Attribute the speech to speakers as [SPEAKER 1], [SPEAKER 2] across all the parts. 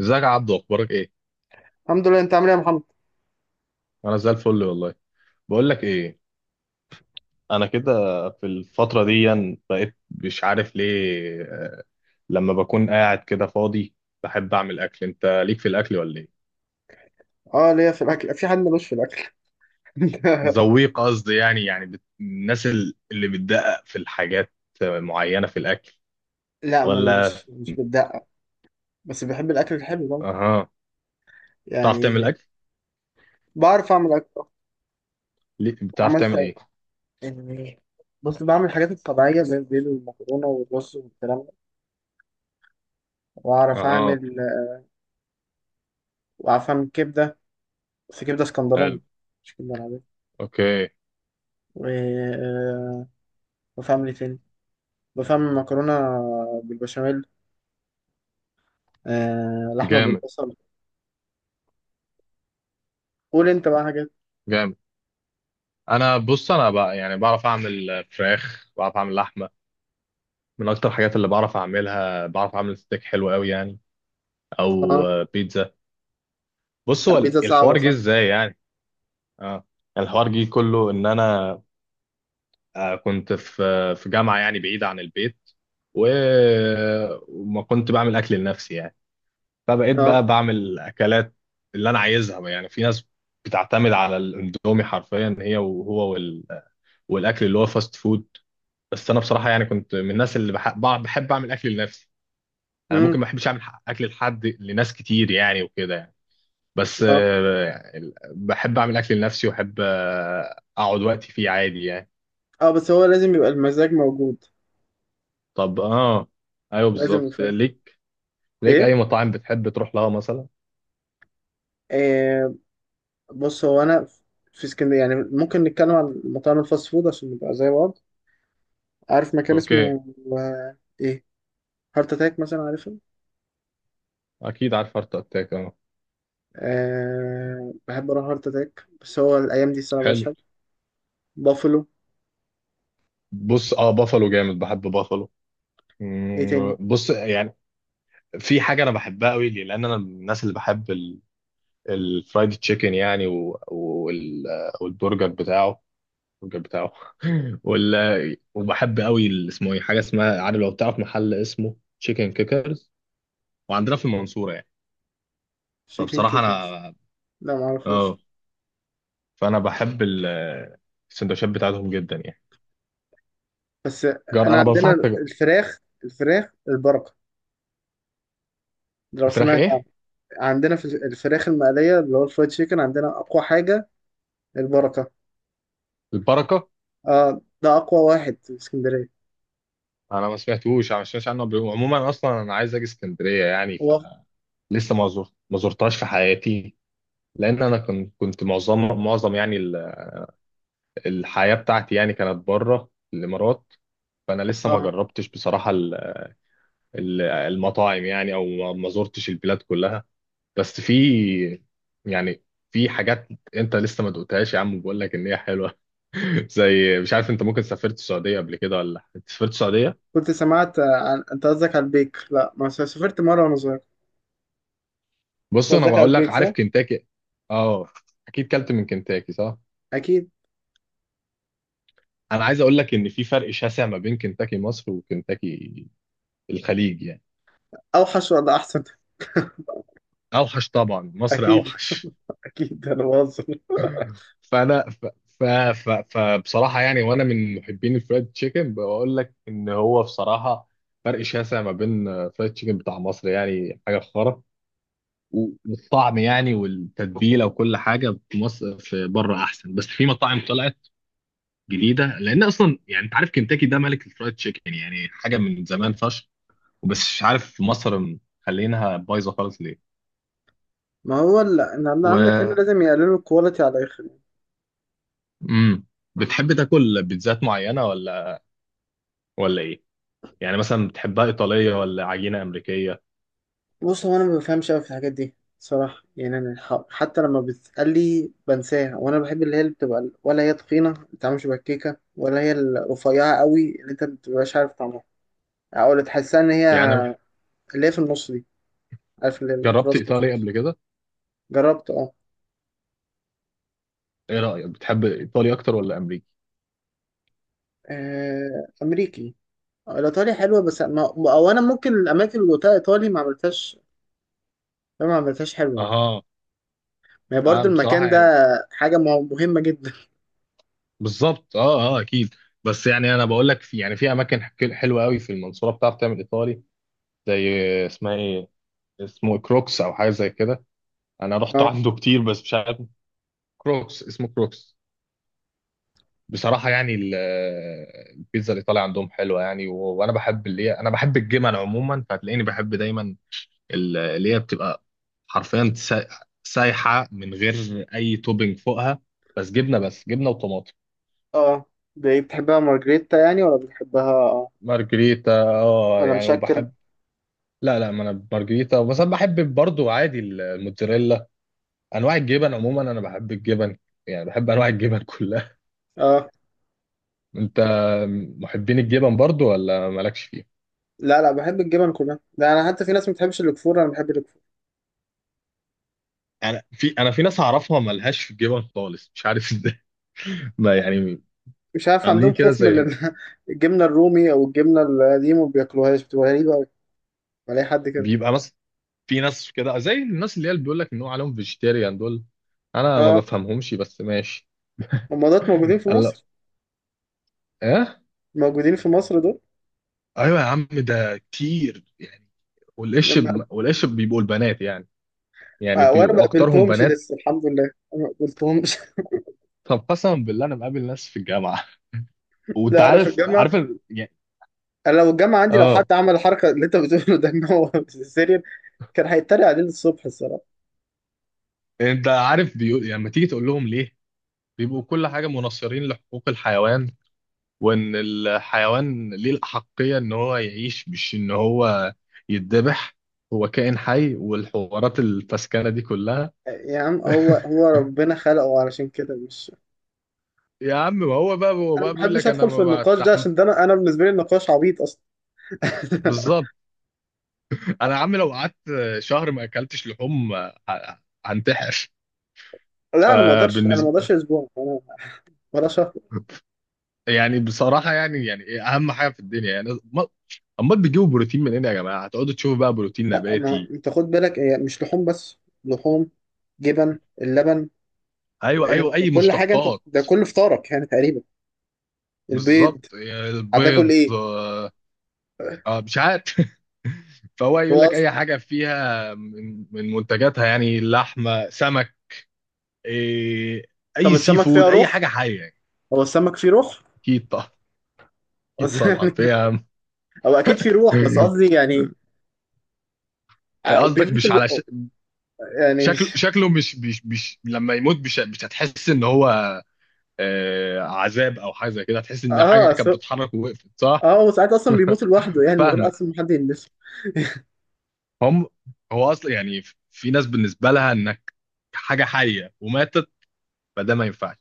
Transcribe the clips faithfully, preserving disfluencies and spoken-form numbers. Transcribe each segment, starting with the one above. [SPEAKER 1] ازيك يا عبدو، اخبارك ايه؟
[SPEAKER 2] الحمد لله. انت عامل ايه يا محمد؟
[SPEAKER 1] انا زي الفل والله. بقول لك ايه؟ انا كده، في الفتره دي يعني بقيت مش عارف ليه، لما بكون قاعد كده فاضي بحب اعمل اكل. انت ليك في الاكل ولا ايه؟
[SPEAKER 2] اه ليا في الاكل، في حد ملوش في الاكل؟
[SPEAKER 1] ذويق قصدي يعني يعني بت... الناس ال- اللي بتدقق في الحاجات معينه في الاكل.
[SPEAKER 2] لا، من
[SPEAKER 1] ولا.
[SPEAKER 2] مش مش بالدقه. بس بحب الاكل الحلو ده
[SPEAKER 1] اها. بتعرف تعمل
[SPEAKER 2] يعني.
[SPEAKER 1] اكل؟
[SPEAKER 2] بعرف اعمل اكل.
[SPEAKER 1] ليه- بتعرف
[SPEAKER 2] عملت
[SPEAKER 1] تعمل ايه؟
[SPEAKER 2] يعني، بص بعمل الحاجات الطبيعيه زي البيض والمكرونه والرز والكلام ده، واعرف
[SPEAKER 1] اها.
[SPEAKER 2] اعمل، واعرف اعمل كبده، بس كبده اسكندراني،
[SPEAKER 1] حلو.
[SPEAKER 2] مش كبده العاديه.
[SPEAKER 1] اوكي.
[SPEAKER 2] و- آه، وفاهم ايه تاني؟ بفهم مكرونه بالبشاميل، آه، لحمه
[SPEAKER 1] جامد.
[SPEAKER 2] بالبصل. قول انت بقى حاجات.
[SPEAKER 1] جامد. انا، بص، انا بقى يعني بعرف اعمل فراخ، بعرف اعمل لحمه. من اكتر الحاجات اللي بعرف اعملها، بعرف اعمل ستيك حلو قوي يعني. او
[SPEAKER 2] اه،
[SPEAKER 1] آه، بيتزا. بص، هو ال-
[SPEAKER 2] بيتزا صعبه
[SPEAKER 1] الحوار جه
[SPEAKER 2] صح.
[SPEAKER 1] ازاي يعني؟ اه. الحوار جه كله ان انا آه، كنت في آه، في جامعه يعني بعيده عن البيت و... وما كنت بعمل اكل لنفسي يعني. فبقيت
[SPEAKER 2] اه.
[SPEAKER 1] بقى بعمل اكلات اللي انا عايزها بقى يعني. في ناس بتعتمد على الاندومي حرفيا، هي وهو وال... والاكل اللي هو فاست فود. بس انا بصراحه يعني كنت من الناس اللي بح... بع- بحب اعمل اكل لنفسي. انا
[SPEAKER 2] امم.
[SPEAKER 1] ممكن ما بحبش اعمل ح- اكل لحد، لناس كتير يعني وكده يعني. بس آه، يعني بحب اعمل اكل لنفسي واحب آه، اقعد وقتي فيه عادي يعني.
[SPEAKER 2] اه، بس هو لازم يبقى المزاج موجود،
[SPEAKER 1] طب اه. ايوه
[SPEAKER 2] لازم
[SPEAKER 1] بالظبط.
[SPEAKER 2] يفهم.
[SPEAKER 1] ليك ليك اي
[SPEAKER 2] ايه؟
[SPEAKER 1] مطاعم بتحب تروح لها مثلا؟
[SPEAKER 2] آه. بص هو انا في اسكندريه، يعني ممكن نتكلم عن مطاعم الفاست فود عشان نبقى زي بعض. عارف مكان
[SPEAKER 1] اوكي.
[SPEAKER 2] اسمه آه ايه، هارت اتاك مثلا؟ عارفه؟
[SPEAKER 1] اكيد عارف هارت اتاك، اه.
[SPEAKER 2] آه، بحب اروح هارت اتاك، بس هو الايام دي الصراحه مبقاش
[SPEAKER 1] حلو.
[SPEAKER 2] حلو. بافلو.
[SPEAKER 1] بص، اه، بافالو جامد، بحب بافالو.
[SPEAKER 2] ايه
[SPEAKER 1] مم،
[SPEAKER 2] تاني؟
[SPEAKER 1] بص يعني، في حاجه انا بحبها قوي ليه، لان انا من الناس اللي بحب ال- الفرايد تشيكن يعني، و- وال- والبرجر بتاعه، الراجل بتاعه. ولا. وبحب قوي ال- اسمه ايه، حاجه اسمها، عارف، لو تعرف محل اسمه تشيكن كيكرز وعندنا في المنصوره يعني.
[SPEAKER 2] شيكن
[SPEAKER 1] فبصراحه
[SPEAKER 2] كيكرز؟
[SPEAKER 1] انا،
[SPEAKER 2] لا،
[SPEAKER 1] اه،
[SPEAKER 2] معرفوش.
[SPEAKER 1] فانا بحب ال- السندوتشات بتاعتهم جدا يعني.
[SPEAKER 2] بس
[SPEAKER 1] جار،
[SPEAKER 2] انا
[SPEAKER 1] انا
[SPEAKER 2] عندنا
[SPEAKER 1] بنصحك تجرب.
[SPEAKER 2] الفراخ، الفراخ البركه، لو
[SPEAKER 1] الفراخ
[SPEAKER 2] سمعت عنها.
[SPEAKER 1] ايه؟
[SPEAKER 2] عندنا في الفراخ المقليه اللي هو الفرايد شيكن، عندنا اقوى حاجه البركه.
[SPEAKER 1] البركه.
[SPEAKER 2] اه، ده اقوى واحد في اسكندريه.
[SPEAKER 1] انا ما سمعتوش انا ما سمعتش عنه قبل كده. عموما اصلا انا عايز اجي اسكندريه يعني،
[SPEAKER 2] هو
[SPEAKER 1] فلسه ما زرت ما زرتهاش في حياتي. لان انا كنت كنت معظم معظم يعني ال- الحياه بتاعتي يعني كانت بره الامارات. فانا لسه ما
[SPEAKER 2] اه،
[SPEAKER 1] جربتش بصراحه ال- المطاعم يعني، او ما ما زرتش البلاد كلها. بس في، يعني في حاجات انت لسه ما دقتهاش، يا عم بقول لك ان هي حلوه. زي، مش عارف، انت ممكن سافرت السعوديه قبل كده ولا لأ؟ انت سافرت السعوديه؟
[SPEAKER 2] كنت سمعت آه، عن، انت قصدك على البيك؟ لا، ما س- سافرت مره وانا صغير.
[SPEAKER 1] بص،
[SPEAKER 2] انت
[SPEAKER 1] انا
[SPEAKER 2] قصدك على
[SPEAKER 1] بقول لك،
[SPEAKER 2] البيك
[SPEAKER 1] عارف
[SPEAKER 2] صح؟
[SPEAKER 1] كنتاكي؟ اه. اكيد كلت من كنتاكي، صح؟
[SPEAKER 2] اكيد.
[SPEAKER 1] انا عايز اقول لك ان في فرق شاسع ما بين كنتاكي مصر وكنتاكي الخليج يعني.
[SPEAKER 2] اوحش ولا احسن؟
[SPEAKER 1] اوحش طبعا، مصر
[SPEAKER 2] اكيد،
[SPEAKER 1] اوحش.
[SPEAKER 2] اكيد انا بهزر.
[SPEAKER 1] فانا ف... ف... ف... فبصراحه يعني، وانا من محبين الفرايد تشيكن، بقول لك ان هو بصراحه فرق شاسع ما بين فرايد تشيكن بتاع مصر، يعني حاجه خرا. والطعم يعني والتتبيله وكل حاجه في مصر، في بره احسن، بس في مطاعم طلعت جديده، لان اصلا يعني انت عارف كنتاكي ده ملك الفرايد تشيكن يعني، حاجه من زمان فشخ. بس مش عارف في مصر مخلينها بايظه خالص ليه.
[SPEAKER 2] ما هو ال- ان اللي عندك هنا
[SPEAKER 1] و
[SPEAKER 2] لازم يقللوا الكواليتي على الاخر.
[SPEAKER 1] امم بتحب تاكل بيتزات معينه، ولا ولا ايه؟ يعني مثلا بتحبها إيطالية ولا عجينة أمريكية
[SPEAKER 2] بص هو انا ما بفهمش قوي في الحاجات دي صراحه، يعني انا ح- حتى لما بتسالي بنساها. وانا بحب اللي هي اللي بتبقى ال- ولا هي تخينه ما بتعملش بكيكه، ولا هي الرفيعه قوي اللي انت ما بتبقاش عارف طعمها، او اللي تحسها ان هي
[SPEAKER 1] يعني؟
[SPEAKER 2] اللي هي في النص دي، عارف اللي
[SPEAKER 1] جربت
[SPEAKER 2] الكراست اللي في
[SPEAKER 1] إيطالي
[SPEAKER 2] النص.
[SPEAKER 1] قبل كده؟
[SPEAKER 2] جربت اه.
[SPEAKER 1] إيه رأيك، بتحب إيطالي أكتر ولا أمريكي؟
[SPEAKER 2] آه، امريكي. آه، الايطالي حلوه بس ما، او انا ممكن الاماكن اللي قلتها ايطالي ما عملتهاش ما عملتهاش حلوه يعني.
[SPEAKER 1] أها.
[SPEAKER 2] ما هي
[SPEAKER 1] أه
[SPEAKER 2] برضه
[SPEAKER 1] بصراحة
[SPEAKER 2] المكان ده
[SPEAKER 1] يعني.
[SPEAKER 2] حاجه مه- مهمه جدا.
[SPEAKER 1] بالظبط، أه أه أكيد. بس يعني أنا بقول لك، في يعني في أماكن حك- حلوة قوي في المنصورة بتعرف تعمل إيطالي، زي، اسمها إيه اسمه إيه؟ كروكس أو حاجة زي كده. أنا رحت
[SPEAKER 2] اه،
[SPEAKER 1] عنده كتير بس مش عارف. كروكس، اسمه كروكس. بصراحة يعني ال- البيتزا الإيطالية عندهم حلوة يعني، و- وأنا بحب اللي هي أنا بحب الجبن عموما فهتلاقيني بحب دايما ال- اللي هي بتبقى حرفيا سا- سايحه من غير اي توبينج فوقها، بس جبنه، بس جبنه وطماطم.
[SPEAKER 2] اه، دي بتحبها مارجريتا يعني، ولا بتحبها اه
[SPEAKER 1] مارجريتا اه
[SPEAKER 2] ولا
[SPEAKER 1] يعني،
[SPEAKER 2] مشكل؟
[SPEAKER 1] وبحب. لا، لا، ما انا مارجريتا بس انا بحب برضو عادي الموتزاريلا. انواع الجبن عموما انا بحب الجبن يعني، بحب انواع الجبن كلها.
[SPEAKER 2] اه.
[SPEAKER 1] انت محبين الجبن برضو ولا مالكش فيه؟
[SPEAKER 2] لا لا، بحب الجبن كلها، ده انا حتى في ناس ما بتحبش الكفور، انا بحب الكفور.
[SPEAKER 1] انا في انا في ناس اعرفها ملهاش في الجبن خالص، مش عارف ازاي. ما يعني،
[SPEAKER 2] مش عارف
[SPEAKER 1] عاملين
[SPEAKER 2] عندهم
[SPEAKER 1] كده
[SPEAKER 2] خوف من
[SPEAKER 1] زي،
[SPEAKER 2] ال- الجبنه الرومي او الجبنه اللي دي ما بياكلوهاش، بتبقى غريبه قوي. بلاقي حد كده.
[SPEAKER 1] بيبقى مثلا في ناس كده زي الناس اللي هي اللي بيقول لك ان هو عليهم فيجيتيريان دول. انا ما
[SPEAKER 2] اه،
[SPEAKER 1] بفهمهمش بس ماشي.
[SPEAKER 2] الممرضات موجودين في
[SPEAKER 1] قال لا.
[SPEAKER 2] مصر.
[SPEAKER 1] ايه؟
[SPEAKER 2] موجودين في مصر دول.
[SPEAKER 1] ايوه يا عم، ده كتير يعني. والقش
[SPEAKER 2] لما
[SPEAKER 1] ب- والقش بيبقوا البنات يعني، يعني
[SPEAKER 2] آه، وانا ما
[SPEAKER 1] بيبقوا
[SPEAKER 2] اه
[SPEAKER 1] اكترهم
[SPEAKER 2] قابلتهمش
[SPEAKER 1] بنات.
[SPEAKER 2] لسه، الحمد لله. أنا ما قابلتهمش.
[SPEAKER 1] طب قسما بالله، انا مقابل ناس في الجامعه. وانت
[SPEAKER 2] لا، انا في
[SPEAKER 1] عارف
[SPEAKER 2] الجامعه،
[SPEAKER 1] عارف ال- يعني،
[SPEAKER 2] انا لو الجامعه عندي، لو حد
[SPEAKER 1] اه،
[SPEAKER 2] عمل الحركه اللي انت بتقوله ده ان هو سيريال، كان هيتريق عليه الصبح الصراحه.
[SPEAKER 1] انت عارف بيقول يعني لما تيجي تقول لهم ليه، بيبقوا كل حاجه مناصرين لحقوق الحيوان وان الحيوان ليه الاحقيه ان هو يعيش مش ان هو يتذبح. هو كائن حي والحوارات الفسكانه دي كلها.
[SPEAKER 2] آه، يا عم هو، هو ربنا خلقه علشان كده مش
[SPEAKER 1] يا عم، ما هو بقى هو
[SPEAKER 2] انا ما
[SPEAKER 1] بقى بيقول
[SPEAKER 2] بحبش
[SPEAKER 1] لك انا
[SPEAKER 2] ادخل في
[SPEAKER 1] ما
[SPEAKER 2] النقاش ده،
[SPEAKER 1] بستحمل.
[SPEAKER 2] عشان ده انا، انا بالنسبه لي النقاش عبيط اصلا.
[SPEAKER 1] بالظبط. انا يا عم لو قعدت شهر ما اكلتش لحوم ه- هنتحر.
[SPEAKER 2] لا انا ما اقدرش، انا ما اقدرش
[SPEAKER 1] فبالنسبه،
[SPEAKER 2] اسبوع انا، ولا شهر.
[SPEAKER 1] يعني بصراحه يعني يعني إيه اهم حاجه في الدنيا يعني، أما- امال بتجيبوا بروتين منين يا جماعه؟ هتقعدوا تشوفوا بقى بروتين
[SPEAKER 2] لا، ما
[SPEAKER 1] نباتي.
[SPEAKER 2] انت خد بالك هي مش لحوم بس، لحوم، جبن، اللبن،
[SPEAKER 1] ايوه، ايوه،
[SPEAKER 2] انت
[SPEAKER 1] اي
[SPEAKER 2] كل حاجه، انت
[SPEAKER 1] مشتقات.
[SPEAKER 2] ده كل فطارك يعني تقريبا. البيض.
[SPEAKER 1] بالظبط يعني
[SPEAKER 2] هتاكل
[SPEAKER 1] البيض،
[SPEAKER 2] ايه؟
[SPEAKER 1] آه، اه مش عارف. فهو يقول
[SPEAKER 2] هو
[SPEAKER 1] لك
[SPEAKER 2] أص-
[SPEAKER 1] اي حاجه فيها من من منتجاتها، يعني لحمه، سمك. إيه؟
[SPEAKER 2] طب
[SPEAKER 1] اي سي
[SPEAKER 2] السمك
[SPEAKER 1] فود،
[SPEAKER 2] فيها
[SPEAKER 1] اي
[SPEAKER 2] روح،
[SPEAKER 1] حاجه حيه يعني.
[SPEAKER 2] هو السمك فيه روح.
[SPEAKER 1] اكيد طبعا. اكيد
[SPEAKER 2] قصدي
[SPEAKER 1] طبعا
[SPEAKER 2] يعني
[SPEAKER 1] فيها.
[SPEAKER 2] هو اكيد فيه روح، بس قصدي يعني، آه،
[SPEAKER 1] قصدك
[SPEAKER 2] بيموت
[SPEAKER 1] مش على ش...
[SPEAKER 2] الو... يعني
[SPEAKER 1] شكله
[SPEAKER 2] مش
[SPEAKER 1] شكله مش مش مش لما يموت مش مش هتحس ان هو آه، عذاب او حاجه زي كده، هتحس ان حاجه
[SPEAKER 2] اه سو...
[SPEAKER 1] كانت بتتحرك ووقفت، صح؟
[SPEAKER 2] اه هو ساعات اصلا بيموت لوحده يعني، من غير
[SPEAKER 1] فاهمك.
[SPEAKER 2] اصلا ما حد يلمسه.
[SPEAKER 1] هم. هو اصلا يعني في ناس بالنسبه لها انك حاجه حيه وماتت فده ما ينفعش،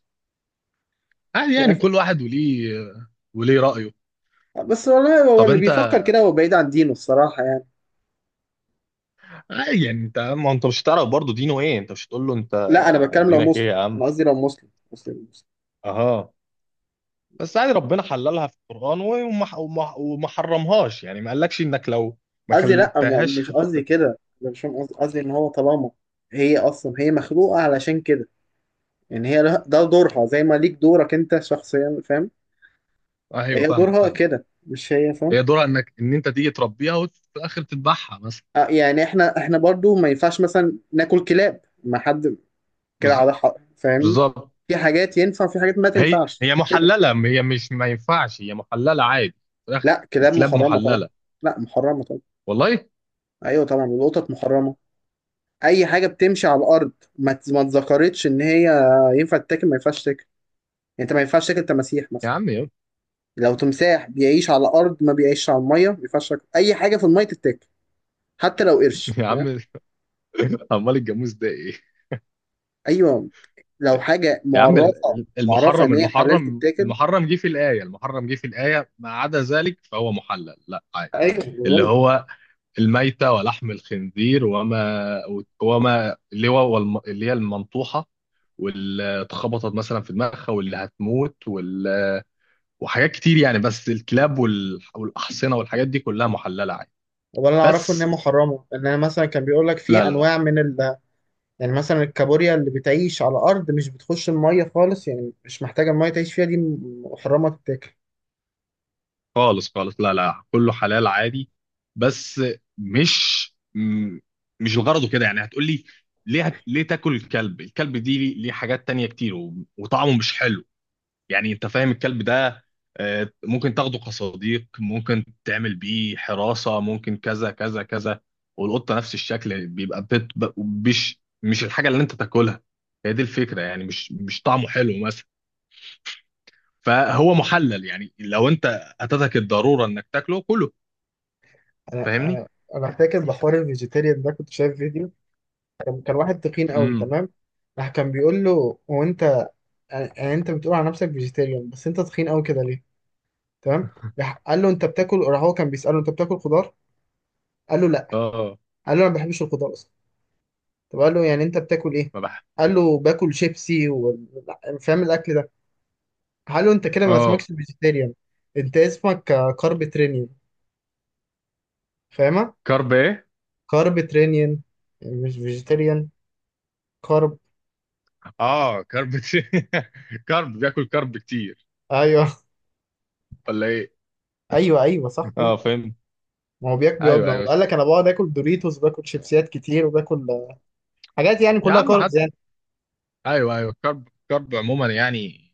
[SPEAKER 1] عادي
[SPEAKER 2] مش
[SPEAKER 1] يعني
[SPEAKER 2] عارف،
[SPEAKER 1] كل واحد وليه وليه رأيه.
[SPEAKER 2] بس والله هو
[SPEAKER 1] طب
[SPEAKER 2] اللي
[SPEAKER 1] انت،
[SPEAKER 2] بيفكر كده هو بعيد عن دينه الصراحه يعني.
[SPEAKER 1] عادي يعني انت، ما انت مش هتعرف برضه دينه ايه، انت مش هتقول له انت
[SPEAKER 2] لا، انا بتكلم لو
[SPEAKER 1] دينك ايه
[SPEAKER 2] مسلم،
[SPEAKER 1] يا عم؟
[SPEAKER 2] انا قصدي لو مسلم، مسلم مسلم.
[SPEAKER 1] اها. بس عادي ربنا حللها في القرآن وما وما وما حرمهاش يعني، ما قالكش انك لو ما
[SPEAKER 2] قصدي لا، ما- مش
[SPEAKER 1] كلتهاش هت...
[SPEAKER 2] قصدي كده، أنا مش فاهم قصدي. قصدي ان هو طالما هي اصلا هي مخلوقه علشان كده، يعني هي لها- ده دورها، زي ما ليك دورك انت شخصيا، فاهم؟
[SPEAKER 1] آه ايوه،
[SPEAKER 2] هي
[SPEAKER 1] فاهمك
[SPEAKER 2] دورها
[SPEAKER 1] فاهمك.
[SPEAKER 2] كده مش هي، فاهم؟
[SPEAKER 1] هي دورها انك ان انت تيجي تربيها وفي الاخر تذبحها مثلا.
[SPEAKER 2] آه، يعني احنا، احنا برضو ما ينفعش مثلا ناكل كلاب، ما حد كده
[SPEAKER 1] بز-
[SPEAKER 2] على حق، فاهمني؟
[SPEAKER 1] بالظبط.
[SPEAKER 2] في حاجات ينفع في حاجات ما
[SPEAKER 1] هي
[SPEAKER 2] تنفعش
[SPEAKER 1] هي
[SPEAKER 2] كده.
[SPEAKER 1] محلله، م- هي مش ما ينفعش، هي محلله عادي في الاخر.
[SPEAKER 2] لا، كلاب
[SPEAKER 1] الكلاب
[SPEAKER 2] محرمة طبعا.
[SPEAKER 1] محلله.
[SPEAKER 2] لا محرمة طبعا.
[SPEAKER 1] والله؟
[SPEAKER 2] ايوه طبعا، والقطط محرمة. اي حاجة بتمشي على الارض ما ت- ما اتذكرتش ان هي ينفع تتاكل ما ينفعش تاكل. يعني انت ما ينفعش تاكل تماسيح
[SPEAKER 1] يا
[SPEAKER 2] مثلا.
[SPEAKER 1] عم يا
[SPEAKER 2] لو تمساح بيعيش على الارض ما بيعيش على الميه، ما ينفعش تاكل اي حاجه في الميه تتاكل، حتى لو قرش،
[SPEAKER 1] يا
[SPEAKER 2] فاهم؟
[SPEAKER 1] عم عمال، الجاموس ده ايه؟
[SPEAKER 2] ايوه، لو حاجه
[SPEAKER 1] يا عم
[SPEAKER 2] معرفه،
[SPEAKER 1] ال-
[SPEAKER 2] معرفه
[SPEAKER 1] المحرم
[SPEAKER 2] ان هي حلال
[SPEAKER 1] المحرم
[SPEAKER 2] تتاكل.
[SPEAKER 1] المحرم جه في الآية، المحرم جه في الآية ما عدا ذلك فهو محلل، لا عادي.
[SPEAKER 2] ايوه بقول
[SPEAKER 1] اللي
[SPEAKER 2] لك.
[SPEAKER 1] هو الميتة ولحم الخنزير وما وما اللي هو والم- اللي هي المنطوحة واللي اتخبطت مثلا في دماغها واللي هتموت وال وحاجات كتير يعني، بس الكلاب وال- والأحصنة والحاجات دي كلها محللة عادي.
[SPEAKER 2] ولا انا اعرفه ان هي
[SPEAKER 1] بس،
[SPEAKER 2] محرمه، ان انا مثلا كان بيقول لك
[SPEAKER 1] لا،
[SPEAKER 2] في
[SPEAKER 1] لا، لا،
[SPEAKER 2] انواع من ال... يعني مثلا الكابوريا اللي بتعيش على الارض مش بتخش الميه خالص، يعني مش محتاجه الميه تعيش فيها، دي محرمه تتاكل.
[SPEAKER 1] خالص، خالص، لا، لا، كله حلال عادي. بس مش م- مش الغرض كده يعني، هتقول لي ليه ليه تاكل الكلب، الكلب دي ليه ليه حاجات تانية كتير و- وطعمه مش حلو، يعني انت فاهم الكلب ده آه، ممكن تاخده كصديق، ممكن تعمل بيه حراسة، ممكن كذا كذا كذا، والقطة نفس الشكل، بيبقى بت ب- مش مش الحاجة اللي انت تاكلها، هي دي الفكرة يعني، مش مش طعمه حلو مثلا، فهو محلل يعني لو انت اتتك الضرورة انك تاكله كله.
[SPEAKER 2] انا
[SPEAKER 1] فاهمني.
[SPEAKER 2] انا انا فاكر بحوار الفيجيتيريان ده كنت شايف فيديو، كان كان واحد تخين قوي،
[SPEAKER 1] امم
[SPEAKER 2] تمام؟ راح كان بيقول له هو، انت يعني انت بتقول على نفسك فيجيتيريان بس انت تخين قوي كده ليه؟ تمام؟ راح قال له انت بتاكل، راح هو كان بيساله انت بتاكل خضار. قال له لا،
[SPEAKER 1] اه.
[SPEAKER 2] قال له انا ما بحبش الخضار اصلا. طب قال له يعني انت بتاكل ايه؟
[SPEAKER 1] ما بح
[SPEAKER 2] قال له باكل شيبسي و... فاهم الاكل ده. قال له انت كده ما
[SPEAKER 1] اه.
[SPEAKER 2] اسمكش فيجيتيريان، انت اسمك كاربيترينيان، فاهمه؟
[SPEAKER 1] كرب ايه؟
[SPEAKER 2] كاربيترينيان مش فيجيتيريان. كارب.
[SPEAKER 1] اه كرب كتير. كرب بياكل كرب كتير.
[SPEAKER 2] ايوه.
[SPEAKER 1] ولا ايه؟
[SPEAKER 2] ايوه، ايوه صح
[SPEAKER 1] اه
[SPEAKER 2] ايوه.
[SPEAKER 1] فهمت.
[SPEAKER 2] ما هو بياك بيقعد،
[SPEAKER 1] ايوه،
[SPEAKER 2] ما هو
[SPEAKER 1] ايوه،
[SPEAKER 2] قال
[SPEAKER 1] شوف،
[SPEAKER 2] لك انا بقعد اكل دوريتوس، باكل شيبسيات كتير، وباكل حاجات يعني
[SPEAKER 1] يا
[SPEAKER 2] كلها
[SPEAKER 1] عم
[SPEAKER 2] كاربز.
[SPEAKER 1] حد، ايوه، ايوه، كرب كرب عموما يعني،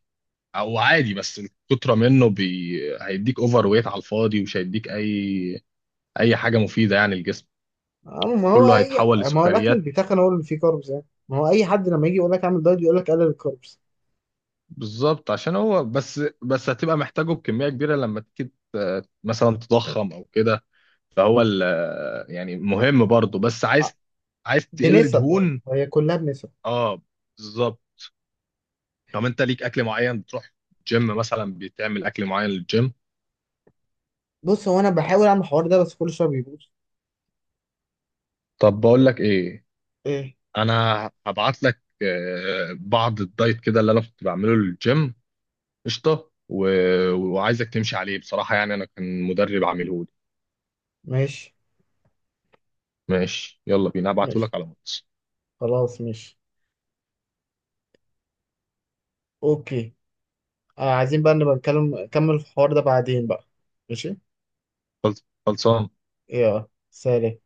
[SPEAKER 1] او عادي بس الكتره منه بي... هيديك اوفر ويت على الفاضي، ومش هيديك اي اي حاجه مفيده يعني الجسم،
[SPEAKER 2] آه، ما هو
[SPEAKER 1] كله
[SPEAKER 2] اي،
[SPEAKER 1] هيتحول
[SPEAKER 2] ما هو الاكل اللي
[SPEAKER 1] لسكريات.
[SPEAKER 2] بيتخن هو اللي فيه كاربس، يعني ما هو اي حد لما يجي يقول لك اعمل دايت يقول لك قلل الكاربس.
[SPEAKER 1] بالظبط عشان هو بس بس هتبقى محتاجه بكمية كبيرة لما تيجي ت- مثلا تضخم او كده، فهو ال- يعني مهم برضه، بس
[SPEAKER 2] آه،
[SPEAKER 1] عايز عايز تقل
[SPEAKER 2] بنسب، برضه
[SPEAKER 1] دهون.
[SPEAKER 2] هي كلها بنسب.
[SPEAKER 1] اه بالظبط. طب انت ليك اكل معين بتروح جيم مثلا، بتعمل اكل معين للجيم؟
[SPEAKER 2] بص هو انا بحاول اعمل الحوار ده بس كل شويه بيبوظ.
[SPEAKER 1] طب بقول لك ايه؟
[SPEAKER 2] ايه؟
[SPEAKER 1] انا هبعت لك آه، بعض الدايت كده اللي انا كنت بعمله للجيم، قشطه، و... وعايزك تمشي عليه بصراحه يعني، انا كان مدرب عامله لي.
[SPEAKER 2] ماشي.
[SPEAKER 1] ماشي يلا بينا، هبعته
[SPEAKER 2] ماشي،
[SPEAKER 1] لك على الواتس.
[SPEAKER 2] خلاص ماشي. اوكي. آه، عايزين بقى نبقى نتكلم نكمل الحوار ده بعدين بقى. ماشي،
[SPEAKER 1] خلص- خلصان.
[SPEAKER 2] يلا سلام.